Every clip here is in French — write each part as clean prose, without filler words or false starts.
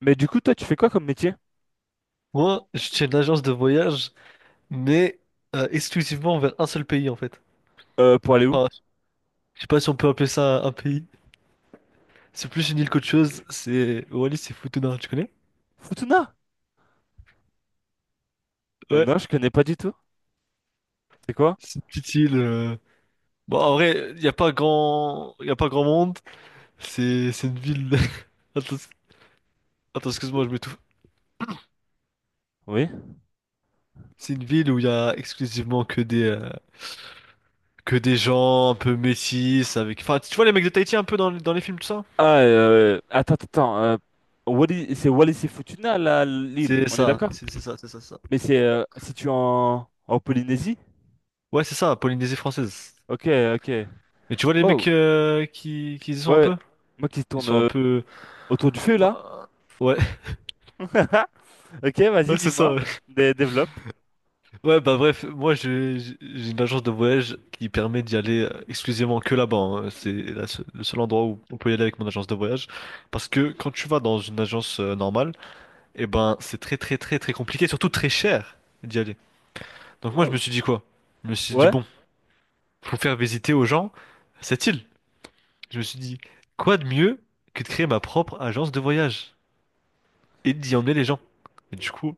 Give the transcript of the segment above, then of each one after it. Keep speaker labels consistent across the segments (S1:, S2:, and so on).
S1: Mais du coup, toi, tu fais quoi comme métier?
S2: Moi, je tiens une agence de voyage, mais exclusivement vers un seul pays en fait.
S1: Pour aller où?
S2: Enfin, je sais pas si on peut appeler ça un pays. C'est plus une île qu'autre chose. C'est Wallis, c'est Futuna, tu connais?
S1: Futuna?
S2: Ouais,
S1: Non, je connais pas du tout. C'est quoi?
S2: c'est une petite île. Bon, en vrai, il y a pas grand, y a pas grand monde. C'est une ville. Attends, attends, excuse-moi, je m'étouffe.
S1: Oui.
S2: C'est une ville où il y a exclusivement que des gens un peu métis avec. Enfin, tu vois les mecs de Tahiti un peu dans les films tout ça?
S1: Ah, attends, attends, attends, c'est Wallis et Futuna, là, l'île.
S2: C'est
S1: On est
S2: ça,
S1: d'accord?
S2: c'est ça, c'est ça, c'est ça.
S1: Mais c'est situé en Polynésie?
S2: Ouais, c'est ça, Polynésie française.
S1: Ok, ok.
S2: Mais tu vois les
S1: Wow.
S2: mecs qui y sont un
S1: Ouais.
S2: peu?
S1: Moi qui
S2: Ils
S1: tourne
S2: sont un peu,
S1: autour du feu,
S2: euh,
S1: là.
S2: ouais,
S1: Ok, vas-y,
S2: ouais, c'est ça.
S1: dis-moi.
S2: Ouais.
S1: Développe.
S2: Ouais, bah bref, moi j'ai une agence de voyage qui permet d'y aller exclusivement que là-bas, hein. C'est le seul endroit où on peut y aller avec mon agence de voyage. Parce que quand tu vas dans une agence normale, eh ben c'est très très très très compliqué, surtout très cher d'y aller. Donc moi je me
S1: Wow.
S2: suis dit quoi? Je me suis dit
S1: Ouais.
S2: bon, faut faire visiter aux gens cette île. Je me suis dit, quoi de mieux que de créer ma propre agence de voyage? Et d'y
S1: Je-
S2: emmener les gens. Et du coup,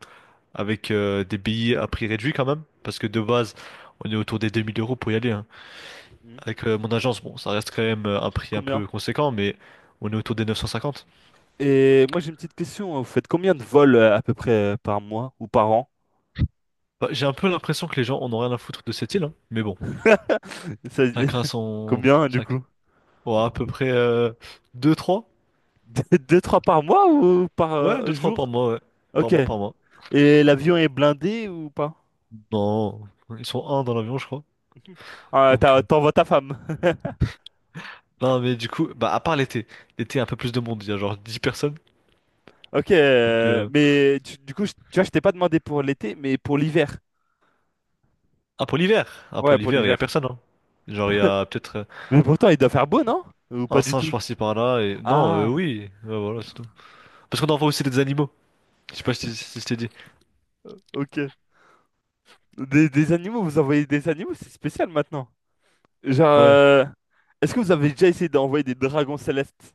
S2: avec des billets à prix réduit quand même, parce que de base, on est autour des 2 000 € pour y aller, hein.
S1: hmm,
S2: Avec mon agence, bon, ça reste quand même un prix un
S1: Combien?
S2: peu conséquent, mais on est autour des 950.
S1: Et moi, j'ai une petite question. Hein. Vous faites combien de vols à peu près par mois ou par an?
S2: Bah, j'ai un peu l'impression que les gens en ont rien à foutre de cette île, hein. Mais bon,
S1: Ça-
S2: chacun son...
S1: Combien, du coup?
S2: Ouais, à peu près deux trois.
S1: Deux, trois par mois ou par
S2: Ouais, deux trois par
S1: jour?
S2: mois, ouais. Par
S1: Ok.
S2: mois, par mois.
S1: Et l'avion est blindé ou pas?
S2: Non, ils sont un dans l'avion, je crois.
S1: Ah,
S2: Donc,
S1: t'envoies ta femme.
S2: non, mais du coup, bah, à part l'été, l'été, un peu plus de monde, il y a genre 10 personnes.
S1: Ok.
S2: Donc,
S1: Mais du coup, tu vois, je t'ai pas demandé pour l'été, mais pour l'hiver.
S2: ah, pour l'hiver. Ah, pour
S1: Ouais, pour
S2: l'hiver, il y a
S1: l'hiver.
S2: personne, hein. Genre, il y a peut-être
S1: Mais pourtant, il doit faire beau, non? Ou
S2: un
S1: pas du
S2: singe
S1: tout?
S2: par-ci par-là. Non,
S1: Ah,
S2: oui. Ouais, voilà, c'est tout. Parce qu'on envoie aussi des animaux. Je sais pas si je t'ai dit.
S1: ok. Des animaux, vous envoyez des animaux, c'est spécial maintenant. Genre,
S2: Ouais.
S1: est-ce que vous avez déjà essayé d'envoyer des dragons célestes?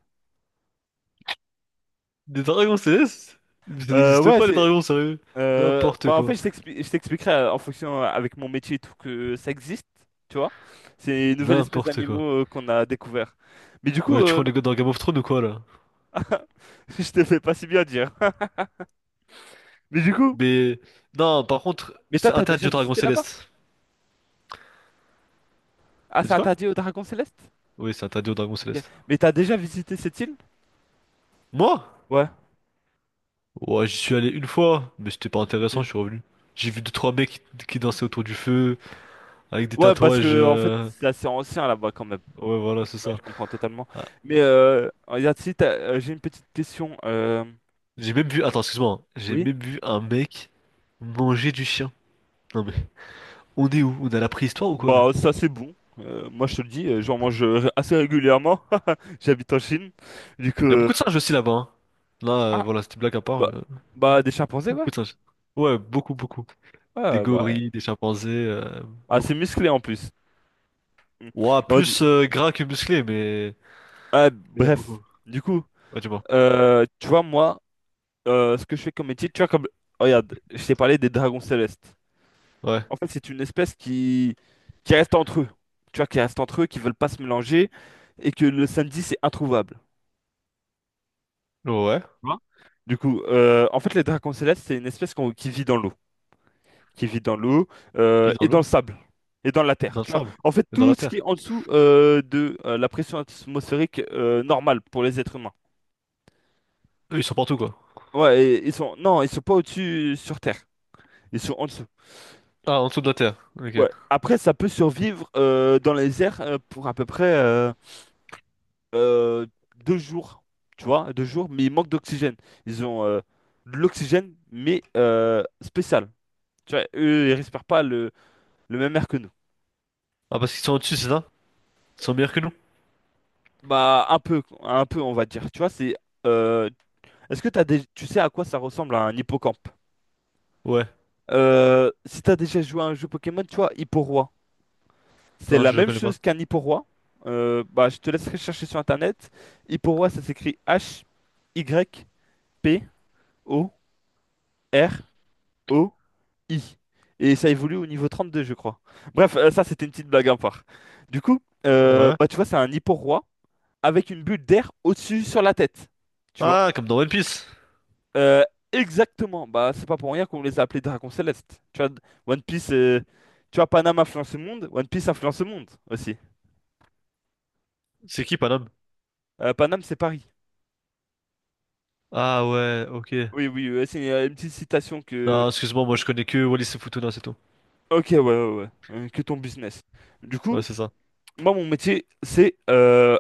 S2: Des dragons célestes? Mais ça n'existe
S1: Ouais,
S2: pas, les
S1: c'est.
S2: dragons, sérieux. N'importe
S1: Bah en fait,
S2: quoi.
S1: je t'expliquerai en fonction avec mon métier et tout que ça existe, tu vois. C'est une nouvelle espèce
S2: N'importe quoi.
S1: d'animaux qu'on a découvert. Mais du coup,
S2: Ouais, tu crois les gars dans Game of Thrones ou quoi, là?
S1: je te fais pas si bien dire. Mais du coup,
S2: Mais. Non, par contre,
S1: mais toi,
S2: c'est
S1: t'as
S2: interdit
S1: déjà
S2: aux dragons
S1: visité là-bas?
S2: célestes.
S1: Ah,
S2: T'as
S1: c'est
S2: dit quoi?
S1: interdit au Dragon Céleste?
S2: Oui, c'est interdit aux dragons
S1: Ok.
S2: célestes.
S1: Mais t'as déjà visité cette île?
S2: Moi?
S1: Ouais.
S2: Ouais, j'y suis allé une fois, mais c'était pas intéressant,
S1: Ok.
S2: je suis revenu. J'ai vu deux, trois mecs qui dansaient autour du feu. Avec des
S1: Ouais, parce
S2: tatouages.
S1: que en fait, c'est assez ancien là-bas quand même.
S2: Ouais, voilà, c'est
S1: Ouais,
S2: ça.
S1: je comprends totalement.
S2: Ah,
S1: Mais regarde, si t'as- j'ai une petite question.
S2: J'ai même vu. Attends, excuse-moi, hein. J'ai
S1: Oui?
S2: même vu un mec manger du chien. Non mais, on est où? On est à la préhistoire ou quoi là?
S1: Bah, ça c'est bon. Moi je te le dis, j'en mange assez régulièrement. J'habite en Chine. Du coup,
S2: Il y a beaucoup de singes aussi là-bas, hein. Là,
S1: Ah,
S2: voilà, c'était une blague à part.
S1: bah,
S2: Mais,
S1: bah, des chimpanzés, ouais.
S2: beaucoup de singes. Ouais, beaucoup, beaucoup. Des
S1: Ouais, bah ouais.
S2: gorilles, des chimpanzés,
S1: Assez
S2: beaucoup.
S1: musclé en plus. Mm.
S2: Ouah,
S1: On dit,
S2: plus gras que musclé, mais.
S1: ah,
S2: Il y en a beaucoup.
S1: bref, du coup,
S2: Ouais, tu vois.
S1: tu vois, moi, ce que je fais comme métier, tu vois, comme. Regarde, je t'ai parlé des dragons célestes.
S2: Ouais.
S1: En fait, c'est une espèce qui reste entre eux. Tu vois, qui reste entre eux, qui veulent pas se mélanger, et que le samedi, c'est introuvable.
S2: Ouais.
S1: Tu vois. Du coup, en fait, les dragons célestes, c'est une espèce qui vit dans l'eau, qui vit dans l'eau
S2: Ils
S1: et
S2: dans
S1: dans le
S2: l'eau,
S1: sable et dans la terre.
S2: dans le
S1: Tu vois,
S2: sable,
S1: en fait,
S2: et dans
S1: tout
S2: la
S1: ce qui
S2: terre.
S1: est en dessous de la pression atmosphérique normale pour les êtres humains.
S2: Eux, ils sont partout quoi.
S1: Ouais, ils sont non, ils sont pas au-dessus sur Terre, ils sont en dessous.
S2: Ah, en dessous de la terre. Ok.
S1: Ouais. Après, ça peut survivre dans les airs pour à peu près euh, 2 jours, tu vois, 2 jours, mais ils manquent d'oxygène. Ils ont de l'oxygène, mais spécial. Tu vois, eux, ils respirent pas le même air que nous.
S2: Ah, parce qu'ils sont au-dessus, c'est ça? Ils sont meilleurs que nous?
S1: Bah, un peu, on va dire. Tu vois, c'est. euh, Est-ce que t'as des... Tu sais à quoi ça ressemble un hippocampe?
S2: Ouais.
S1: Si t'as déjà joué à un jeu Pokémon, tu vois, Hipporoi. C'est
S2: Non,
S1: la
S2: je
S1: même
S2: connais pas.
S1: chose qu'un Hipporoi. Bah, je te laisserai chercher sur Internet. Hipporoi, ça s'écrit Hyporoi. Et ça évolue au niveau 32 je crois. Bref, ça, c'était une petite blague à part. Du coup,
S2: Ouais.
S1: bah, tu vois, c'est un Hipporoi avec une bulle d'air au-dessus sur la tête. Tu vois.
S2: Ah, comme dans One Piece.
S1: Euh, Exactement. Bah, c'est pas pour rien qu'on les a appelés Dragons Célestes. Tu vois, One Piece, tu vois, Paname influence le monde, One Piece influence le monde aussi.
S2: C'est qui, Panam?
S1: Paname, c'est Paris.
S2: Ah ouais, ok.
S1: Oui, oui, c'est une petite citation que.
S2: Non, excuse-moi, moi je connais que Wallis et Futuna, c'est tout.
S1: Ok, ouais, ouais, ouais. Que ton business. Du
S2: Ouais,
S1: coup,
S2: c'est ça.
S1: moi, mon métier, c'est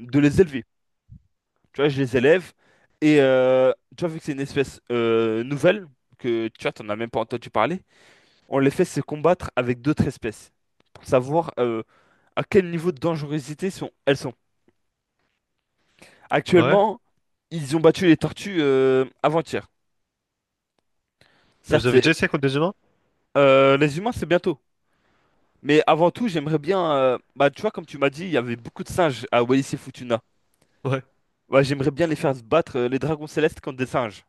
S1: de les élever. Tu vois, je les élève. Et tu vois, vu que c'est une espèce nouvelle, que tu vois, t'en as même pas entendu parler. On les fait se combattre avec d'autres espèces pour savoir à quel niveau de dangerosité elles sont.
S2: Ouais.
S1: Actuellement, ils ont battu les tortues avant-hier.
S2: Et vous
S1: Certes,
S2: avez déjà essayé contre des humains?
S1: Les humains, c'est bientôt. Mais avant tout, j'aimerais bien, bah, tu vois, comme tu m'as dit, il y avait beaucoup de singes à Wallis et Futuna.
S2: Ouais.
S1: Ouais, j'aimerais bien les faire se battre, les dragons célestes contre des singes.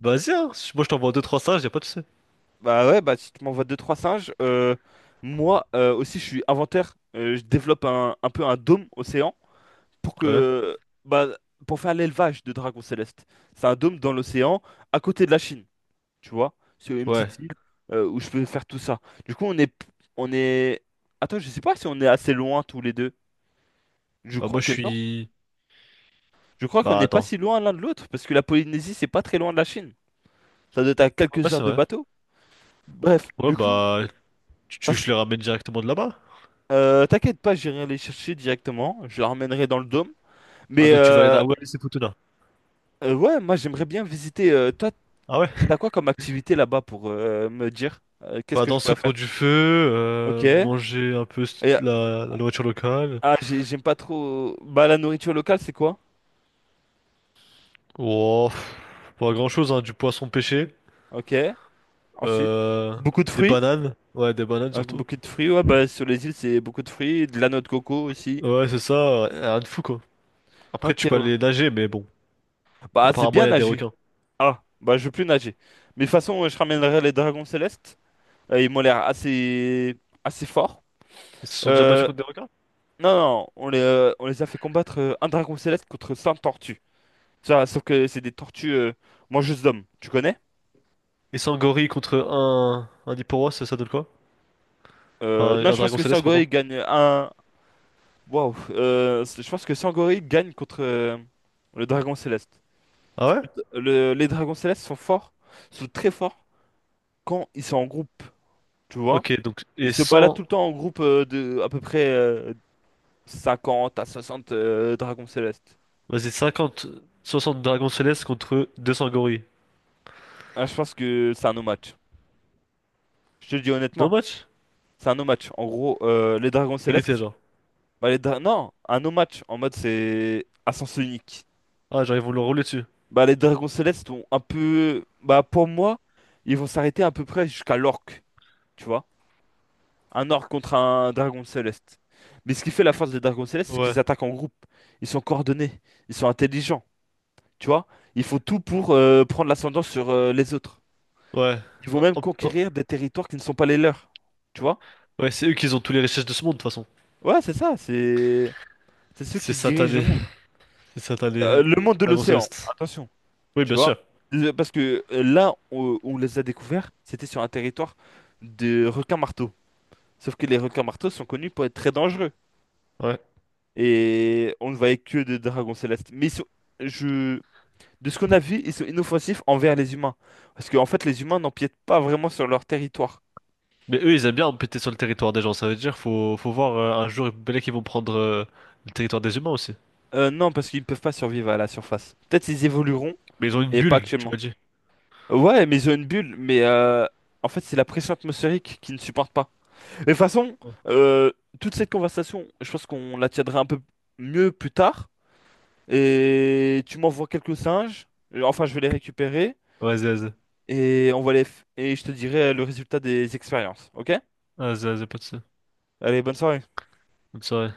S2: Vas-y, hein. Moi je t'envoie 2-3 stages, y'a pas de souci.
S1: Bah ouais, bah si tu m'envoies deux trois singes, moi aussi je suis inventaire, je développe un peu un dôme océan pour
S2: Ouais.
S1: que bah, pour faire l'élevage de dragons célestes. C'est un dôme dans l'océan à côté de la Chine, tu vois, sur une
S2: Ouais.
S1: petite île où je peux faire tout ça. Du coup, on est Attends, je sais pas si on est assez loin tous les deux. Je
S2: Bah
S1: crois
S2: moi je
S1: que non.
S2: suis...
S1: Je crois qu'on
S2: Bah
S1: n'est pas
S2: attends.
S1: si loin l'un de l'autre parce que la Polynésie, c'est pas très loin de la Chine. Ça doit être à
S2: Ouais,
S1: quelques heures
S2: c'est
S1: de
S2: vrai.
S1: bateau. Bref,
S2: Ouais,
S1: du coup,
S2: bah... Tu veux que je
S1: passe-
S2: les ramène directement de là-bas?
S1: t'inquiète pas, j'irai les chercher directement. Je les ramènerai dans le dôme.
S2: Ah,
S1: Mais
S2: donc tu vas aller à Wallis et Futuna.
S1: ouais, moi j'aimerais bien visiter. Toi,
S2: Ah ouais?
S1: t'as quoi comme activité là-bas pour me dire qu'est-ce
S2: Bah
S1: que je
S2: danser
S1: pourrais faire?
S2: autour du feu,
S1: Ok. Et,
S2: manger un peu la nourriture locale.
S1: ah, j'aime pas trop. Bah, la nourriture locale, c'est quoi?
S2: Oh, pff, pas grand-chose, hein. Du poisson pêché.
S1: Ok. Ensuite,
S2: Euh,
S1: beaucoup de
S2: des
S1: fruits.
S2: bananes. Ouais, des bananes
S1: Ouais,
S2: surtout.
S1: beaucoup de fruits, ouais, bah, sur les îles, c'est beaucoup de fruits, de la noix de coco aussi.
S2: Ouais, c'est ça. Rien de fou, quoi. Après,
S1: Ok,
S2: tu peux
S1: ouais.
S2: aller nager, mais bon.
S1: Bah, c'est
S2: Apparemment,
S1: bien
S2: il y a des
S1: nager.
S2: requins.
S1: Ah, bah, je veux plus nager. Mais de toute façon, je ramènerai les dragons célestes. Ils m'ont l'air assez, assez forts.
S2: Ils se sont déjà battus
S1: Euh,
S2: contre des requins?
S1: non, non, on les a fait combattre un dragon céleste contre 100 tortues. Ça, sauf que c'est des tortues mangeuses d'hommes, tu connais?
S2: Et sans gorille contre un Hipporos, ça donne quoi? Enfin,
S1: Non,
S2: un
S1: je pense
S2: dragon
S1: que
S2: céleste, pardon.
S1: Sangoril gagne un. Waouh! Je pense que Sangoril gagne contre le dragon céleste.
S2: Ah
S1: Parce
S2: ouais?
S1: que les dragons célestes sont forts, sont très forts quand ils sont en groupe, tu vois?
S2: Ok, donc,
S1: Ils
S2: et
S1: se baladent tout
S2: 100,
S1: le temps en groupe de à peu près 50 à 60 dragons célestes.
S2: vas-y, 50, 60 dragons célestes contre 200 gorilles.
S1: Ah, je pense que c'est un no match. Je te le dis
S2: No
S1: honnêtement,
S2: match?
S1: c'est un no match. En gros, les dragons
S2: Égalité,
S1: célestes.
S2: genre.
S1: Bah, non, un no match en mode c'est à sens unique.
S2: Ah, genre, ils vont le rouler dessus.
S1: Bah, les dragons célestes ont un peu. Bah, pour moi, ils vont s'arrêter à peu près jusqu'à l'orque, tu vois. Un orque contre un dragon céleste. Mais ce qui fait la force des dragons célestes, c'est qu'ils
S2: Ouais,
S1: attaquent en groupe. Ils sont coordonnés. Ils sont intelligents, tu vois. Ils font tout pour prendre l'ascendant sur les autres.
S2: ouais.
S1: Ils vont
S2: Oh,
S1: même
S2: oh, oh.
S1: conquérir des territoires qui ne sont pas les leurs, tu vois.
S2: Ouais, c'est eux qui ont tous les richesses de ce monde, de toute façon.
S1: Ouais, c'est ça. C'est ceux
S2: C'est
S1: qui dirigent
S2: satané.
S1: le monde.
S2: C'est satané. euh,
S1: Le monde de
S2: Dragon
S1: l'océan.
S2: céleste.
S1: Attention.
S2: Oui,
S1: Tu
S2: bien
S1: vois?
S2: sûr.
S1: Parce que là où on les a découverts, c'était sur un territoire de requins-marteaux. Sauf que les requins-marteaux sont connus pour être très dangereux.
S2: Ouais.
S1: Et on ne voyait que des dragons célestes. Mais je, de ce qu'on a vu, ils sont inoffensifs envers les humains. Parce qu'en fait, les humains n'empiètent pas vraiment sur leur territoire.
S2: Mais eux, ils aiment bien péter sur le territoire des gens. Ça veut dire faut voir un jour peut-être qu'ils vont prendre le territoire des humains aussi.
S1: Non, parce qu'ils ne peuvent pas survivre à la surface. Peut-être ils évolueront,
S2: Mais ils ont une
S1: mais pas
S2: bulle, tu m'as
S1: actuellement.
S2: dit.
S1: Ouais, mais ils ont une bulle. Mais en fait, c'est la pression atmosphérique qui ne supporte pas. Mais de toute façon,
S2: Ouais,
S1: euh, toute cette conversation, je pense qu'on la tiendra un peu mieux plus tard. Et tu m'envoies quelques singes. Enfin, je vais les récupérer.
S2: vas-y, vas-y.
S1: Et on va les f- et je te dirai le résultat des expériences. Ok?
S2: Vas-y, vas-y, pas de ça.
S1: Allez, bonne soirée.
S2: Bonne soirée.